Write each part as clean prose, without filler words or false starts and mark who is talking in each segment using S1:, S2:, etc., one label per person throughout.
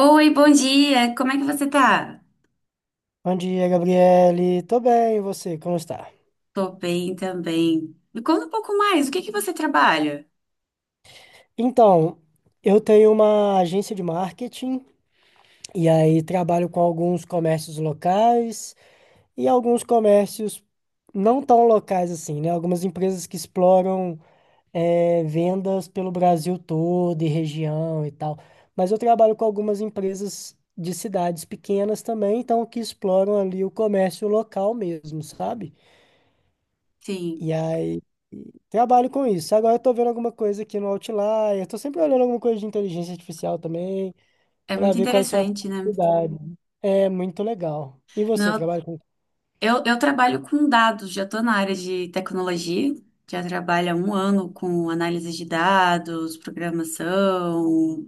S1: Oi, bom dia. Como é que você tá?
S2: Bom dia, Gabriele. Tô bem, e você? Como está?
S1: Tô bem também. Me conta um pouco mais. O que que você trabalha?
S2: Então, eu tenho uma agência de marketing e aí trabalho com alguns comércios locais e alguns comércios não tão locais assim, né? Algumas empresas que exploram vendas pelo Brasil todo e região e tal. Mas eu trabalho com algumas empresas de cidades pequenas também, então que exploram ali o comércio local mesmo, sabe?
S1: Sim,
S2: E aí trabalho com isso. Agora eu tô vendo alguma coisa aqui no Outlier. Tô sempre olhando alguma coisa de inteligência artificial também,
S1: é
S2: para
S1: muito
S2: ver quais são as
S1: interessante, né?
S2: possibilidades. É muito legal. E você
S1: Não,
S2: trabalha com?
S1: eu, eu trabalho com dados, já tô na área de tecnologia. Já trabalho há 1 ano com análise de dados, programação.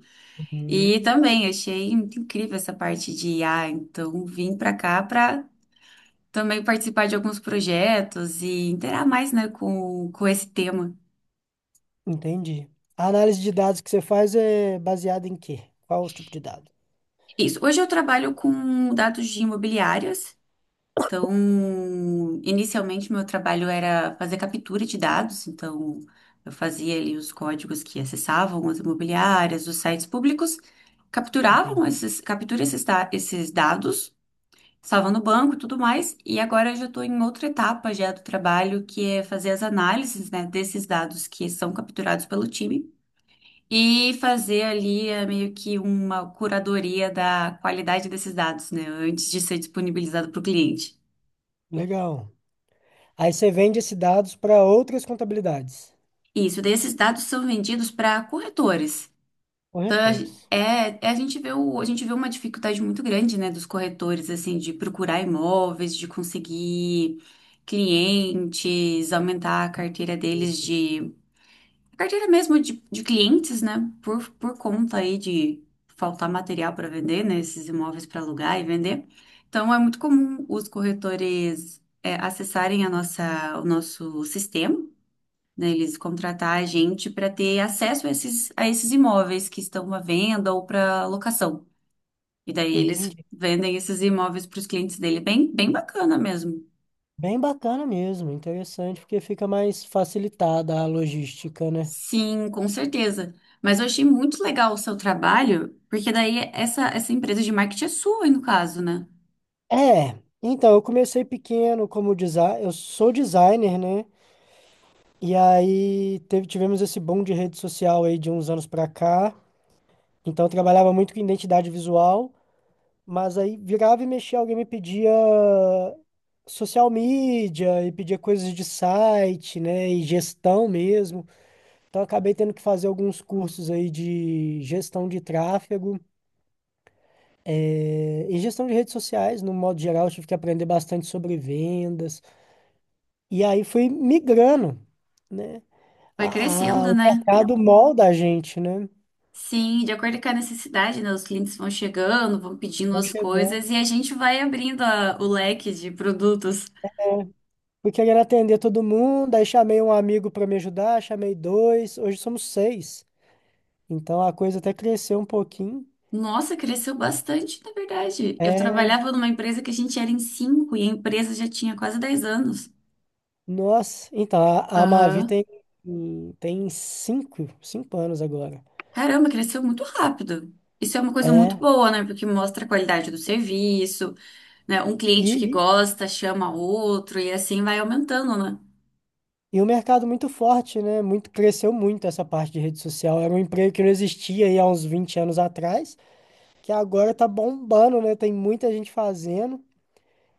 S1: E
S2: Legal.
S1: também achei muito incrível essa parte de IA. Então, vim pra cá pra também participar de alguns projetos e interar mais, né, com esse tema.
S2: Entendi. A análise de dados que você faz é baseada em quê? Qual o tipo de dado?
S1: Isso. Hoje eu trabalho com dados de imobiliárias. Então, inicialmente meu trabalho era fazer captura de dados. Então, eu fazia ali os códigos que acessavam as imobiliárias, os sites públicos, capturavam
S2: Entendi.
S1: esses, captura esses, esses dados, salvam no banco e tudo mais. E agora eu já estou em outra etapa já do trabalho, que é fazer as análises, né, desses dados que são capturados pelo time e fazer ali meio que uma curadoria da qualidade desses dados, né, antes de ser disponibilizado para o cliente.
S2: Legal. Aí você vende esses dados para outras contabilidades,
S1: Isso, daí esses dados são vendidos para corretores. Então,
S2: corretores.
S1: é, a gente vê a gente vê uma dificuldade muito grande, né, dos corretores, assim, de procurar imóveis, de conseguir clientes, aumentar a carteira deles de A carteira mesmo de clientes, né? Por conta aí de faltar material para vender, né? Esses imóveis para alugar e vender. Então, é muito comum os corretores acessarem a nossa, o nosso sistema, né? Eles contratar a gente para ter acesso a esses imóveis que estão à venda ou para locação. E daí eles
S2: Entendi.
S1: vendem esses imóveis para os clientes dele. Bem, bem bacana mesmo.
S2: Bem bacana mesmo, interessante, porque fica mais facilitada a logística, né?
S1: Sim, com certeza. Mas eu achei muito legal o seu trabalho, porque daí essa empresa de marketing é sua, no caso, né?
S2: É, então, eu comecei pequeno como designer, eu sou designer, né? E aí teve, tivemos esse boom de rede social aí de uns anos pra cá. Então eu trabalhava muito com identidade visual, mas aí virava e mexia, alguém me pedia social media e pedia coisas de site, né? E gestão mesmo. Então eu acabei tendo que fazer alguns cursos aí de gestão de tráfego. E gestão de redes sociais, no modo geral, eu tive que aprender bastante sobre vendas. E aí foi migrando, né?
S1: Vai
S2: A,
S1: crescendo,
S2: o
S1: né?
S2: mercado molda a gente, né?
S1: Sim, de acordo com a necessidade, né? Os clientes vão chegando, vão pedindo
S2: Vão
S1: as
S2: chegando.
S1: coisas e a gente vai abrindo o leque de produtos.
S2: Fui querendo atender todo mundo, aí chamei um amigo para me ajudar, chamei dois, hoje somos seis. Então a coisa até cresceu um pouquinho.
S1: Nossa, cresceu bastante, na verdade. Eu
S2: É,
S1: trabalhava numa empresa que a gente era em cinco e a empresa já tinha quase 10 anos.
S2: nossa, então a Mavi
S1: Aham.
S2: tem cinco anos agora.
S1: Caramba, cresceu muito rápido. Isso é uma coisa muito
S2: É,
S1: boa, né? Porque mostra a qualidade do serviço. Né, um cliente que
S2: e,
S1: gosta chama outro e assim vai aumentando, né?
S2: e o mercado muito forte, né? Muito, cresceu muito essa parte de rede social. Era um emprego que não existia aí há uns 20 anos atrás, que agora tá bombando, né? Tem muita gente fazendo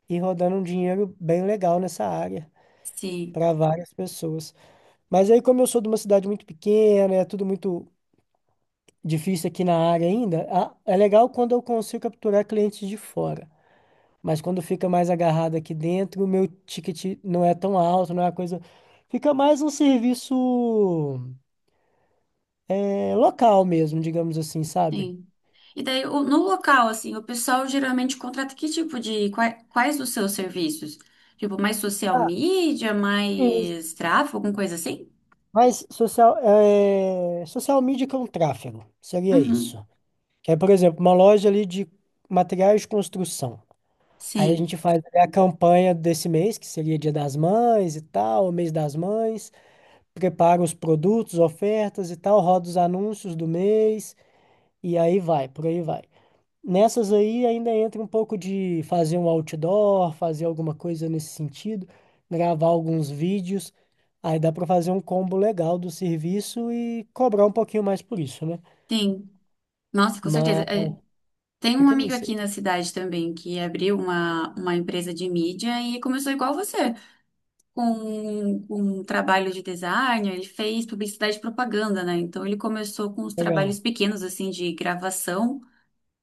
S2: e rodando um dinheiro bem legal nessa área
S1: Sim,
S2: para várias pessoas. Mas aí, como eu sou de uma cidade muito pequena, é tudo muito difícil aqui na área ainda, é legal quando eu consigo capturar clientes de fora. Mas quando fica mais agarrado aqui dentro, o meu ticket não é tão alto, não é uma coisa. Fica mais um serviço é, local mesmo, digamos assim, sabe?
S1: sim. E daí, no local, assim, o pessoal geralmente contrata que tipo de, quais, quais os seus serviços? Tipo, mais social
S2: Ah,
S1: media,
S2: sim.
S1: mais tráfego, alguma coisa assim?
S2: Mas social, é, social media que é um tráfego, seria
S1: Uhum.
S2: isso. Que é, por exemplo, uma loja ali de materiais de construção. Aí a gente
S1: Sim,
S2: faz ali a campanha desse mês, que seria Dia das Mães e tal, o mês das mães, prepara os produtos, ofertas e tal, roda os anúncios do mês, e aí vai, por aí vai. Nessas aí ainda entra um pouco de fazer um outdoor, fazer alguma coisa nesse sentido, gravar alguns vídeos. Aí dá para fazer um combo legal do serviço e cobrar um pouquinho mais por isso, né?
S1: sim. Nossa, com certeza.
S2: Mas
S1: É, tem um
S2: fica
S1: amigo
S2: nisso aí.
S1: aqui na cidade também que abriu uma empresa de mídia e começou igual você, com um trabalho de design, ele fez publicidade e propaganda, né? Então ele começou com os trabalhos
S2: Legal.
S1: pequenos, assim, de gravação.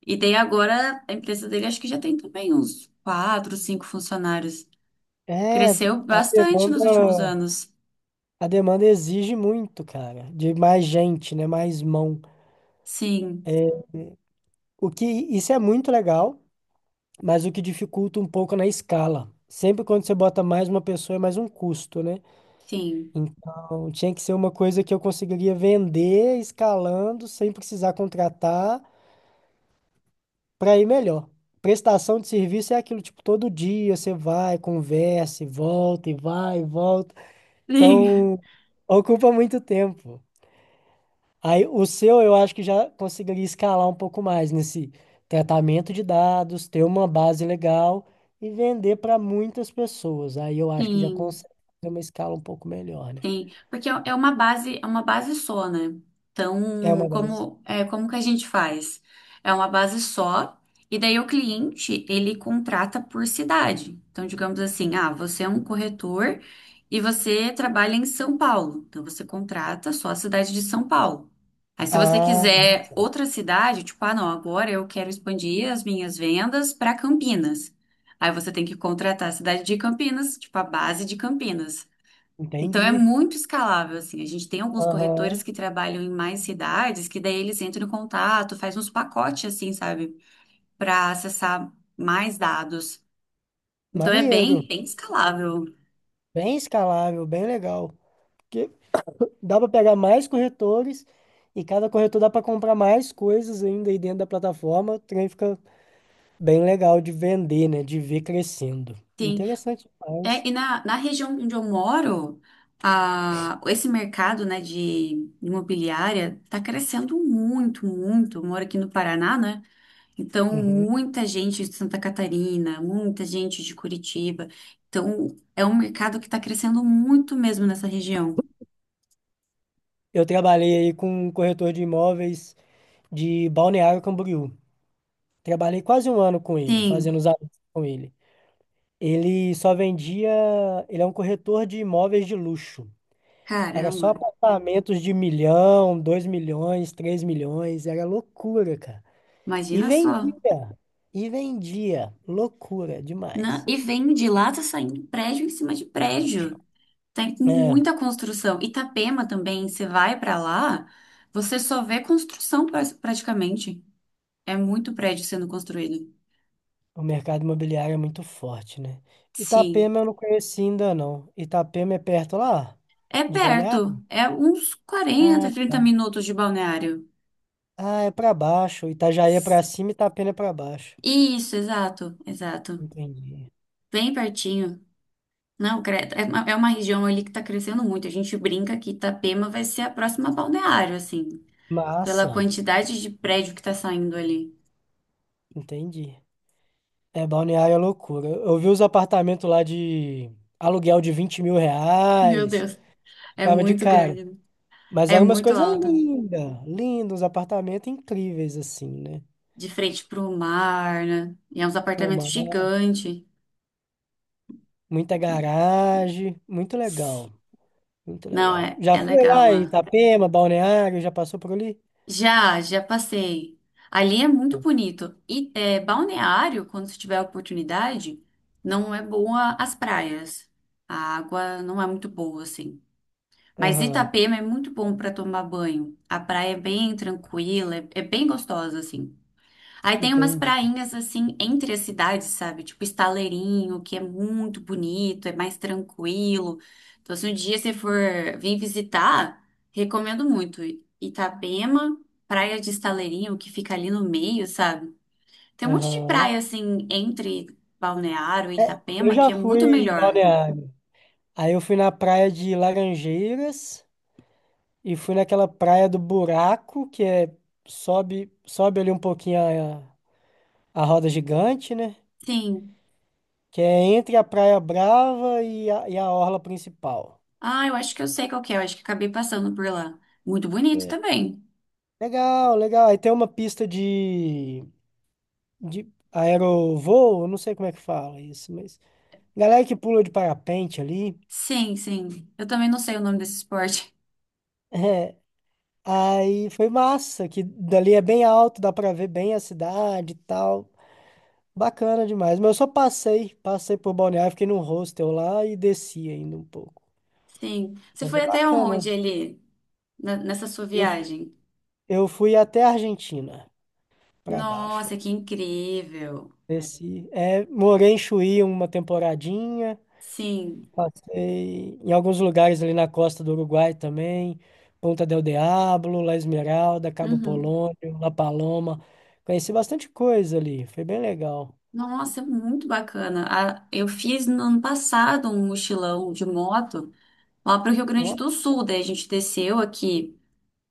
S1: E daí agora a empresa dele acho que já tem também uns quatro, cinco funcionários.
S2: É,
S1: Cresceu
S2: a
S1: bastante nos últimos
S2: demanda,
S1: anos.
S2: a demanda exige muito, cara, de mais gente, né? Mais mão.
S1: Sim,
S2: O que isso é muito legal, mas o que dificulta um pouco na escala. Sempre quando você bota mais uma pessoa é mais um custo, né?
S1: sim,
S2: Então, tinha que ser uma coisa que eu conseguiria vender escalando sem precisar contratar para ir melhor. Prestação de serviço é aquilo, tipo, todo dia você vai, conversa e volta e vai e volta.
S1: sim.
S2: Então, ocupa muito tempo. Aí, o seu eu acho que já conseguiria escalar um pouco mais nesse tratamento de dados, ter uma base legal e vender para muitas pessoas. Aí eu acho que já
S1: Sim.
S2: consegue ter uma escala um pouco melhor, né?
S1: Sim, porque é uma base só, né?
S2: É
S1: Então,
S2: uma base.
S1: como é, como que a gente faz? É uma base só, e daí o cliente, ele contrata por cidade. Então, digamos assim, ah, você é um corretor e você trabalha em São Paulo. Então, você contrata só a cidade de São Paulo. Aí, se você
S2: Ah,
S1: quiser outra cidade, tipo, ah, não, agora eu quero expandir as minhas vendas para Campinas. Aí você tem que contratar a cidade de Campinas, tipo, a base de Campinas. Então é
S2: entendi.
S1: muito escalável, assim. A gente tem alguns corretores
S2: Aham.
S1: que trabalham em mais cidades, que daí eles entram em contato, faz uns pacotes, assim, sabe? Para acessar mais dados. Então é
S2: Maneiro.
S1: bem, bem escalável.
S2: Bem escalável, bem legal. Porque dá para pegar mais corretores e cada corretor dá para comprar mais coisas ainda aí dentro da plataforma. O trem fica bem legal de vender, né? De ver crescendo.
S1: Sim.
S2: Interessante
S1: É,
S2: demais.
S1: e na região onde eu moro, a, esse mercado, né, de imobiliária tá crescendo muito, muito. Eu moro aqui no Paraná, né? Então,
S2: Uhum.
S1: muita gente de Santa Catarina, muita gente de Curitiba. Então, é um mercado que está crescendo muito mesmo nessa região.
S2: Eu trabalhei aí com um corretor de imóveis de Balneário Camboriú. Trabalhei quase um ano com ele, fazendo
S1: Sim,
S2: os anúncios com ele. Ele só vendia. Ele é um corretor de imóveis de luxo. Era só
S1: caramba,
S2: apartamentos de milhão, 2 milhões, 3 milhões, era loucura, cara. E
S1: imagina só.
S2: vendia, e vendia, loucura demais.
S1: E vem de lá, tá saindo prédio em cima de prédio. Tem
S2: É,
S1: muita construção. Itapema também, você vai para lá, você só vê construção praticamente. É muito prédio sendo construído.
S2: o mercado imobiliário é muito forte, né?
S1: Sim.
S2: Itapema eu não conheci ainda, não. Itapema é perto lá,
S1: É
S2: de
S1: perto,
S2: Balneário?
S1: é uns quarenta,
S2: Ah,
S1: trinta
S2: tá.
S1: minutos de balneário.
S2: Ah, é pra baixo. Itajaí é pra cima, e Itapema é pra baixo.
S1: Isso, exato, exato.
S2: Entendi.
S1: Bem pertinho. Não, credo. É uma região ali que tá crescendo muito. A gente brinca que Itapema vai ser a próxima balneário, assim, pela
S2: Massa,
S1: quantidade de prédio que tá saindo ali.
S2: entendi. É, Balneário é loucura. Eu vi os apartamentos lá de aluguel de vinte mil
S1: Meu
S2: reais,
S1: Deus, é
S2: ficava de
S1: muito
S2: cara.
S1: grande, né?
S2: Mas
S1: É
S2: eram umas
S1: muito
S2: coisas
S1: alto.
S2: lindas, lindos, apartamentos incríveis, assim, né?
S1: De frente pro mar, né? E é uns
S2: Tipo,
S1: apartamentos
S2: mano,
S1: gigantes.
S2: muita garagem, muito legal, muito
S1: Não,
S2: legal.
S1: é,
S2: Já
S1: é
S2: foi
S1: legal
S2: lá em
S1: lá.
S2: Itapema, Balneário, já passou por ali?
S1: Já, já passei. Ali é muito bonito. E é, Balneário, quando você tiver a oportunidade, não é boa as praias. A água não é muito boa, assim. Mas
S2: Aham,
S1: Itapema é muito bom para tomar banho. A praia é bem tranquila, é, é bem gostosa, assim. Aí tem umas
S2: entendi.
S1: prainhas assim entre as cidades, sabe? Tipo Estaleirinho, que é muito bonito, é mais tranquilo. Então, se um dia você for vir visitar, recomendo muito. Itapema, Praia de Estaleirinho, que fica ali no meio, sabe? Tem um monte de
S2: Aham.
S1: praia assim entre Balneário e
S2: É, eu
S1: Itapema
S2: já
S1: que é
S2: fui
S1: muito
S2: em
S1: melhor.
S2: Balneário. Aí eu fui na praia de Laranjeiras. E fui naquela praia do buraco, que é sobe, sobe ali um pouquinho a roda gigante, né?
S1: Sim.
S2: Que é entre a Praia Brava e a orla principal.
S1: Ah, eu acho que eu sei qual que é, eu acho que acabei passando por lá. Muito bonito
S2: É.
S1: também.
S2: Legal, legal. Aí tem uma pista de aerovoo, eu não sei como é que fala isso, mas galera que pula de parapente ali.
S1: Sim, sim. Eu também não sei o nome desse esporte.
S2: É. Aí foi massa, que dali é bem alto, dá pra ver bem a cidade e tal. Bacana demais. Mas eu só passei por Balneário, fiquei num hostel lá e desci ainda um pouco.
S1: Sim. Você
S2: Mas é
S1: foi até
S2: bacana.
S1: onde ali, nessa sua
S2: Eu,
S1: viagem?
S2: eu fui até a Argentina, pra baixo
S1: Nossa,
S2: aí.
S1: que incrível.
S2: Desci. É, morei em Chuí uma temporadinha,
S1: Sim.
S2: passei em alguns lugares ali na costa do Uruguai também, Ponta del Diablo, La Esmeralda, Cabo
S1: Uhum.
S2: Polônio, La Paloma. Conheci bastante coisa ali, foi bem legal.
S1: Nossa, muito bacana. Eu fiz no ano passado um mochilão de moto lá para o Rio Grande
S2: Ó,
S1: do Sul. Daí a gente desceu aqui,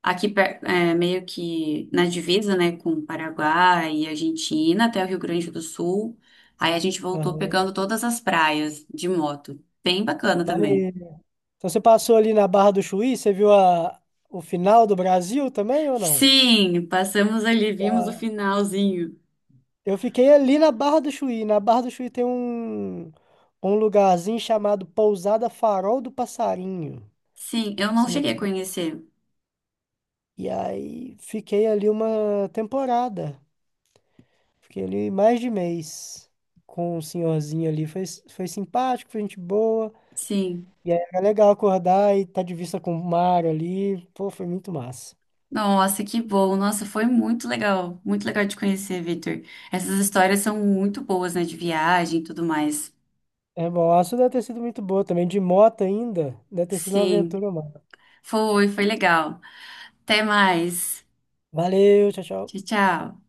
S1: é, meio que na divisa, né, com o Paraguai e Argentina até o Rio Grande do Sul. Aí a gente voltou
S2: aham.
S1: pegando todas as praias de moto. Bem bacana também.
S2: Maneiro. Então você passou ali na Barra do Chuí, você viu a, o final do Brasil também ou não?
S1: Sim, passamos ali, vimos o
S2: A-
S1: finalzinho.
S2: Eu fiquei ali na Barra do Chuí. Na Barra do Chuí tem um lugarzinho chamado Pousada Farol do Passarinho.
S1: Sim, eu não
S2: Se não-
S1: cheguei a conhecer.
S2: E aí fiquei ali uma temporada. Fiquei ali mais de mês com o senhorzinho ali. Foi simpático, foi gente boa.
S1: Sim.
S2: E aí era legal acordar e estar de vista com o mar ali. Pô, foi muito massa.
S1: Nossa, que bom. Nossa, foi muito legal. Muito legal de conhecer, Victor. Essas histórias são muito boas, né? De viagem e tudo mais.
S2: É bom, a sua deve ter sido muito boa também, de moto ainda. Deve ter sido uma
S1: Sim,
S2: aventura, mano.
S1: foi, foi legal. Até mais.
S2: Valeu, tchau,
S1: Tchau,
S2: tchau.
S1: tchau.